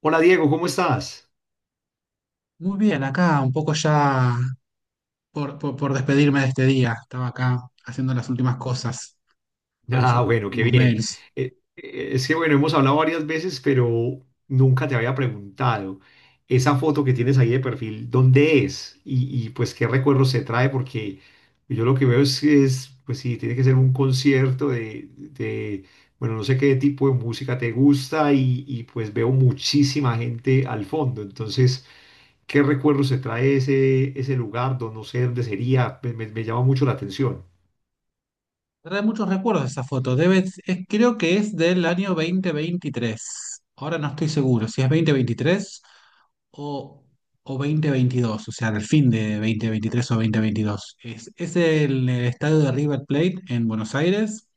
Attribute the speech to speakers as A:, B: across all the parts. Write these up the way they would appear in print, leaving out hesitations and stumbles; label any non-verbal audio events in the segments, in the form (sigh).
A: Hola Diego, ¿cómo estás?
B: Muy bien, acá un poco ya por despedirme de este día. Estaba acá haciendo las últimas cosas,
A: Ah,
B: revisando los
A: bueno, qué
B: últimos
A: bien.
B: mails.
A: Es que bueno, hemos hablado varias veces, pero nunca te había preguntado esa foto que tienes ahí de perfil, ¿dónde es? Pues qué recuerdos se trae, porque yo lo que veo es que es, pues sí, tiene que ser un concierto bueno, no sé qué tipo de música te gusta y pues veo muchísima gente al fondo. Entonces, ¿qué recuerdos se trae ese, ese lugar? No sé dónde sería, me llama mucho la atención.
B: Trae muchos recuerdos esa foto. Creo que es del año 2023. Ahora no estoy seguro si es 2023 o, o 2022, o sea, del fin de 2023 o 2022. Es el, estadio de River Plate en Buenos Aires.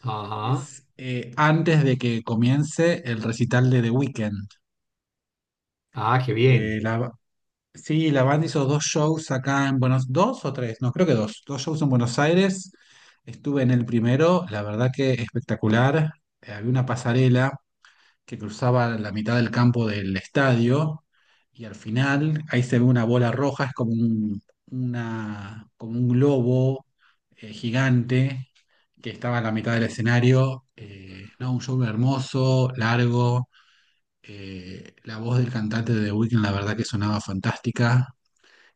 A: Ajá.
B: Es antes de que comience el recital de The Weeknd.
A: Ah, qué bien.
B: Eh, la, Sí, la banda hizo dos shows acá en Buenos dos o tres, no, creo que dos shows en Buenos Aires. Estuve en el primero, la verdad que espectacular. Había una pasarela que cruzaba la mitad del campo del estadio y al final ahí se ve una bola roja, es como como un globo gigante que estaba en la mitad del escenario. No, un show hermoso, largo. La voz del cantante de The Weeknd, la verdad que sonaba fantástica.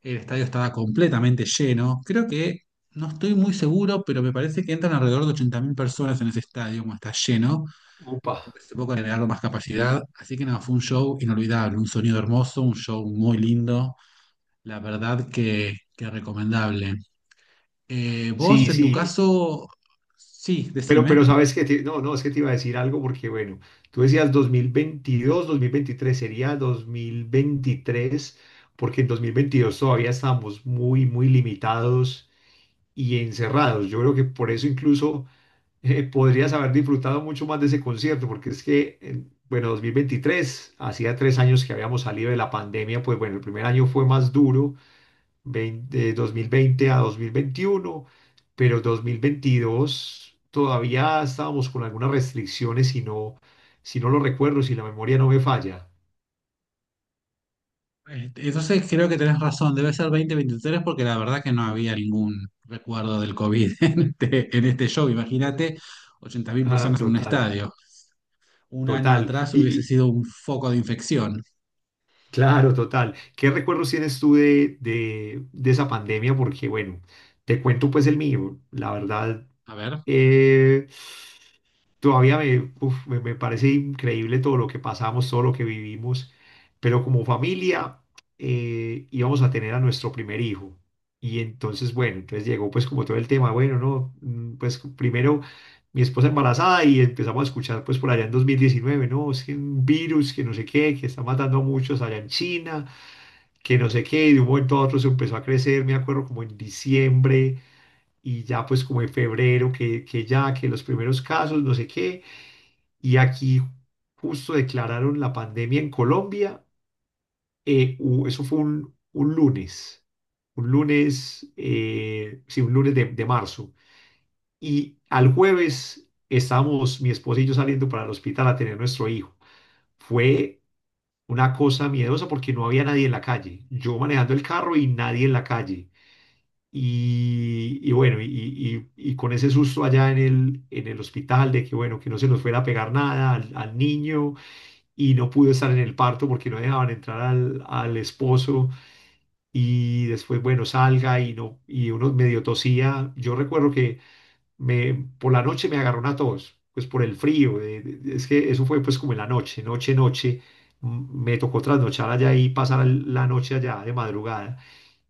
B: El estadio estaba completamente lleno. No estoy muy seguro, pero me parece que entran alrededor de 80.000 personas en ese estadio, como está lleno.
A: Upa.
B: Se que agregar más capacidad. Así que nada, fue un show inolvidable, un sonido hermoso, un show muy lindo. La verdad que recomendable. Vos,
A: Sí,
B: en tu
A: sí.
B: caso, sí,
A: Pero
B: decime.
A: sabes que te- no, no, es que te iba a decir algo porque, bueno, tú decías 2022, 2023, sería 2023, porque en 2022 todavía estábamos muy, muy limitados y encerrados. Yo creo que por eso incluso podrías haber disfrutado mucho más de ese concierto, porque es que, en- bueno, 2023, hacía 3 años que habíamos salido de la pandemia, pues bueno, el primer año fue más duro de 2020 a 2021, pero 2022 todavía estábamos con algunas restricciones si no, si no lo recuerdo, si la memoria no me falla.
B: Entonces creo que tenés razón, debe ser 2023 porque la verdad que no había ningún recuerdo del COVID (laughs) en este show. Imagínate 80.000
A: Ah,
B: personas en un
A: total,
B: estadio. Un año
A: total.
B: atrás hubiese
A: Y-
B: sido un foco de infección.
A: claro, total. ¿Qué recuerdos tienes tú de esa pandemia? Porque bueno, te cuento pues el mío. La verdad.
B: A ver.
A: Eh, todavía me, uf, me parece increíble todo lo que pasamos, todo lo que vivimos, pero como familia íbamos a tener a nuestro primer hijo. Y entonces, bueno, entonces llegó pues como todo el tema, bueno, no, pues primero mi esposa embarazada y empezamos a escuchar pues por allá en 2019, no, es que un virus, que no sé qué, que está matando a muchos allá en China, que no sé qué, y de un momento a otro se empezó a crecer, me acuerdo como en diciembre y ya pues como en febrero que ya, que los primeros casos, no sé qué, y aquí justo declararon la pandemia en Colombia, eso fue un lunes, sí, un lunes de marzo, y al jueves estábamos mi esposa y yo saliendo para el hospital a tener nuestro hijo. Fue una cosa miedosa porque no había nadie en la calle, yo manejando el carro y nadie en la calle. Y bueno, y con ese susto allá en el hospital de que, bueno, que no se nos fuera a pegar nada al, al niño y no pudo estar en el parto porque no dejaban entrar al, al esposo y después, bueno, salga y, no, y uno medio tosía. Yo recuerdo que me, por la noche me agarró una tos, pues por el frío. Es que eso fue pues como en la noche, noche, noche. Me tocó trasnochar allá y pasar la noche allá de madrugada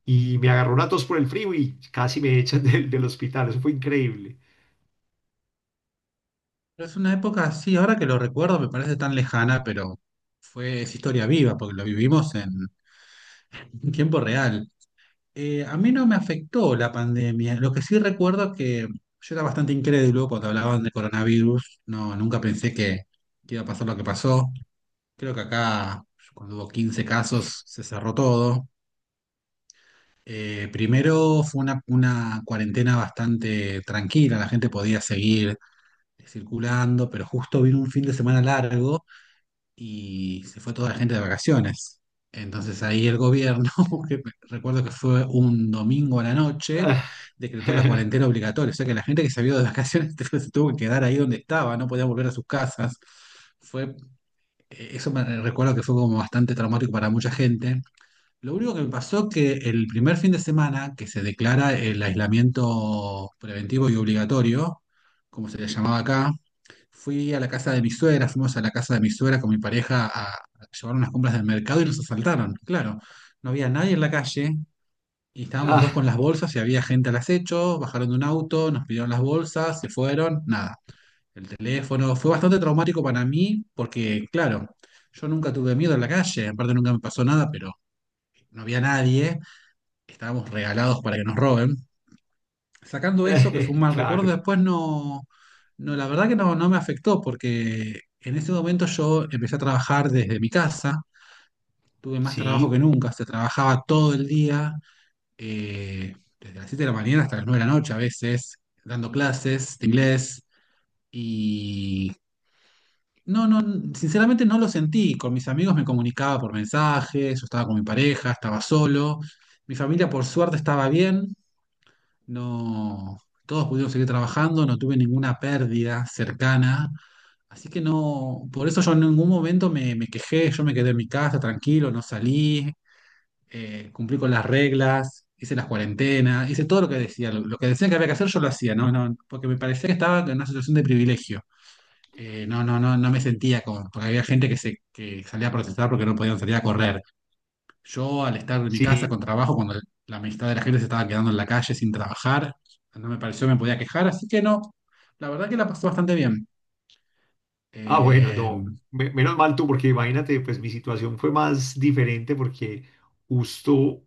A: y me agarró una tos por el frío y casi me echan (laughs) del, del hospital. Eso fue increíble.
B: Pero es una época, sí, ahora que lo recuerdo me parece tan lejana, pero fue, es historia viva porque lo vivimos en tiempo real. A mí no me afectó la pandemia. Lo que sí recuerdo que yo era bastante incrédulo cuando hablaban de coronavirus. No, nunca pensé que iba a pasar lo que pasó. Creo que acá cuando hubo 15 casos, se cerró todo. Primero fue una cuarentena bastante tranquila, la gente podía seguir circulando, pero justo vino un fin de semana largo y se fue toda la gente de vacaciones. Entonces ahí el gobierno, (laughs) que recuerdo que fue un domingo a la noche,
A: Ah,
B: decretó la
A: (laughs)
B: cuarentena obligatoria. O sea que la gente que se había ido de vacaciones (laughs) se tuvo que quedar ahí donde estaba, no podía volver a sus casas. Fue, Eso me recuerdo que fue como bastante traumático para mucha gente. Lo único que me pasó que el primer fin de semana que se declara el aislamiento preventivo y obligatorio, como se le llamaba acá, fui a la casa de mi suegra, fuimos a la casa de mi suegra con mi pareja a llevar unas compras del mercado y nos asaltaron. Claro, no había nadie en la calle y estábamos dos con
A: ah,
B: las bolsas y había gente al acecho, bajaron de un auto, nos pidieron las bolsas, se fueron, nada. El teléfono fue bastante traumático para mí porque, claro, yo nunca tuve miedo en la calle, aparte nunca me pasó nada, pero no había nadie, estábamos regalados para que nos roben sacando eso, que fue un
A: (laughs)
B: mal recuerdo,
A: claro,
B: después no, no, la verdad que no, no me afectó porque en ese momento yo empecé a trabajar desde mi casa, tuve más trabajo que
A: sí,
B: nunca, se trabajaba todo el día, eh, desde las 7 de la mañana hasta las 9 de la noche a veces, dando clases de inglés y... No, no, Sinceramente no lo sentí. Con mis amigos me comunicaba por mensajes, yo estaba con mi pareja, estaba solo. Mi familia por suerte estaba bien. No, todos pudieron seguir trabajando, no tuve ninguna pérdida cercana, así que no, por eso yo en ningún momento me quejé, yo me quedé en mi casa tranquilo, no salí, cumplí con las reglas, hice las cuarentenas, hice todo lo que decía, lo que decían que había que hacer yo lo hacía, no, no, porque me parecía que estaba en una situación de privilegio. No me sentía como, porque había gente que salía a protestar porque no podían salir a correr. Yo al estar en mi casa con
A: sí.
B: trabajo, cuando la mitad de la gente se estaba quedando en la calle sin trabajar, no me pareció me podía quejar, así que no, la verdad que la pasé bastante bien.
A: Ah, bueno,
B: Eh,
A: no, menos mal tú, porque imagínate, pues mi situación fue más diferente porque justo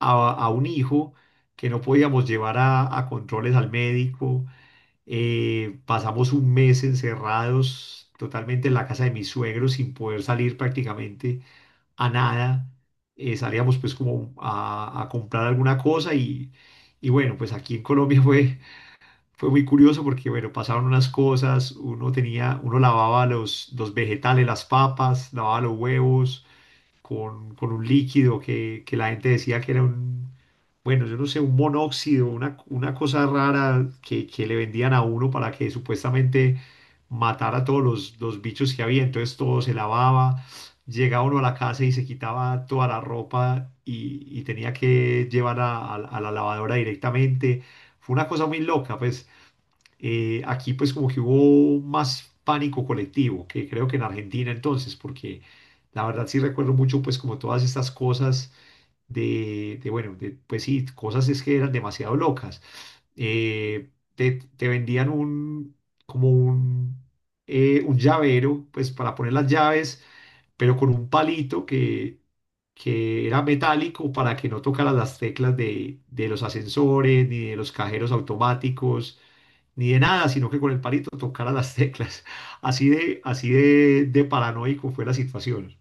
A: a un hijo que no podíamos llevar a controles al médico, pasamos un mes encerrados totalmente en la casa de mis suegros sin poder salir prácticamente a nada, salíamos pues como a comprar alguna cosa y bueno, pues aquí en Colombia fue, fue muy curioso porque bueno, pasaban unas cosas, uno tenía, uno lavaba los vegetales, las papas, lavaba los huevos con un líquido que la gente decía que era un, bueno, yo no sé, un monóxido, una cosa rara que le vendían a uno para que supuestamente matara a todos los bichos que había. Entonces todo se lavaba, llegaba uno a la casa y se quitaba toda la ropa y tenía que llevar a, a la lavadora directamente. Fue una cosa muy loca, pues aquí pues como que hubo más pánico colectivo que creo que en Argentina entonces, porque la verdad sí recuerdo mucho pues como todas estas cosas de, bueno, de, pues sí, cosas es que eran demasiado locas. Te, te vendían un, como un llavero, pues para poner las llaves, pero con un palito que era metálico para que no tocaras las teclas de los ascensores, ni de los cajeros automáticos, ni de nada, sino que con el palito tocara las teclas. (laughs) Así de paranoico fue la situación.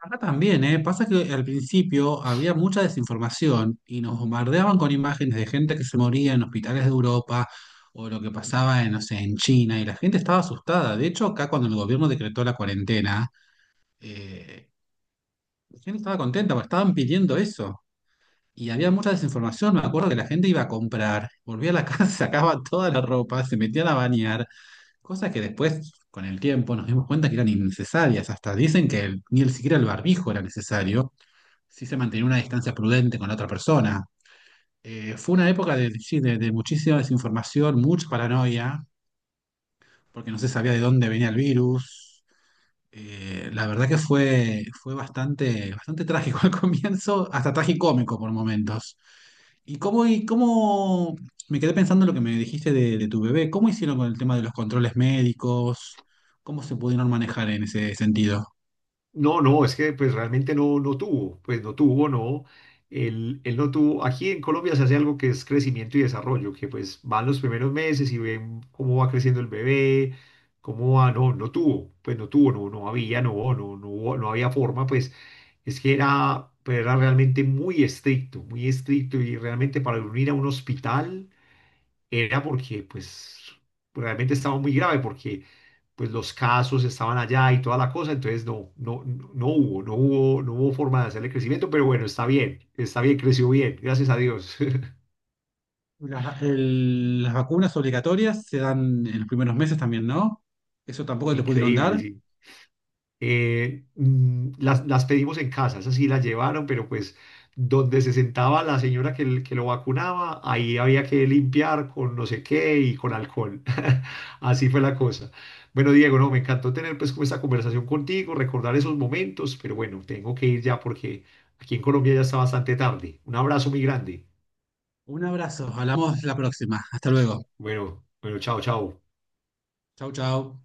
B: Acá también, ¿eh? Pasa que al principio había mucha desinformación y nos bombardeaban con imágenes de gente que se moría en hospitales de Europa o lo que pasaba en, no sé, en China y la gente estaba asustada. De hecho, acá cuando el gobierno decretó la cuarentena, eh, la gente estaba contenta porque estaban pidiendo eso. Y había mucha desinformación, me acuerdo que la gente iba a comprar, volvía a la casa, (laughs) sacaba toda la ropa, se metían a bañar, cosas que después, con el tiempo, nos dimos cuenta que eran innecesarias. Hasta dicen que el- ni el, siquiera el barbijo era necesario, si se mantenía una distancia prudente con la otra persona. Fue una época de, sí, de muchísima desinformación, mucha paranoia, porque no se sabía de dónde venía el virus. La verdad que fue, fue bastante, bastante trágico (laughs) al comienzo, hasta tragicómico por momentos. ¿Y cómo me quedé pensando en lo que me dijiste de tu bebé? ¿Cómo hicieron con el tema de los controles médicos? ¿Cómo se pudieron manejar en ese sentido?
A: No, no, es que pues realmente no, no tuvo, pues no tuvo, no, él no tuvo, aquí en Colombia se hace algo que es crecimiento y desarrollo, que pues van los primeros meses y ven cómo va creciendo el bebé, cómo va, no, no tuvo, pues no tuvo, no, no había, no, no, no, hubo- no había forma, pues es que era, pues, era realmente muy estricto y realmente para unir a un hospital era porque pues realmente estaba muy grave, porque pues los casos estaban allá y toda la cosa, entonces no, no, no hubo, no hubo, no hubo forma de hacerle crecimiento, pero bueno, está bien, creció bien, gracias a Dios.
B: Las vacunas obligatorias se dan en los primeros meses también, ¿no? Eso
A: (laughs)
B: tampoco te pudieron
A: Increíble,
B: dar.
A: sí. Las pedimos en casa, esas sí las llevaron, pero pues donde se sentaba la señora que, que lo vacunaba, ahí había que limpiar con no sé qué y con alcohol. (laughs) Así fue la cosa. Bueno, Diego, no, me encantó tener pues como esta conversación contigo, recordar esos momentos, pero bueno, tengo que ir ya porque aquí en Colombia ya está bastante tarde. Un abrazo muy grande.
B: Un abrazo, hablamos la próxima. Hasta luego.
A: Bueno, bueno, chao, chao.
B: Chau, chau.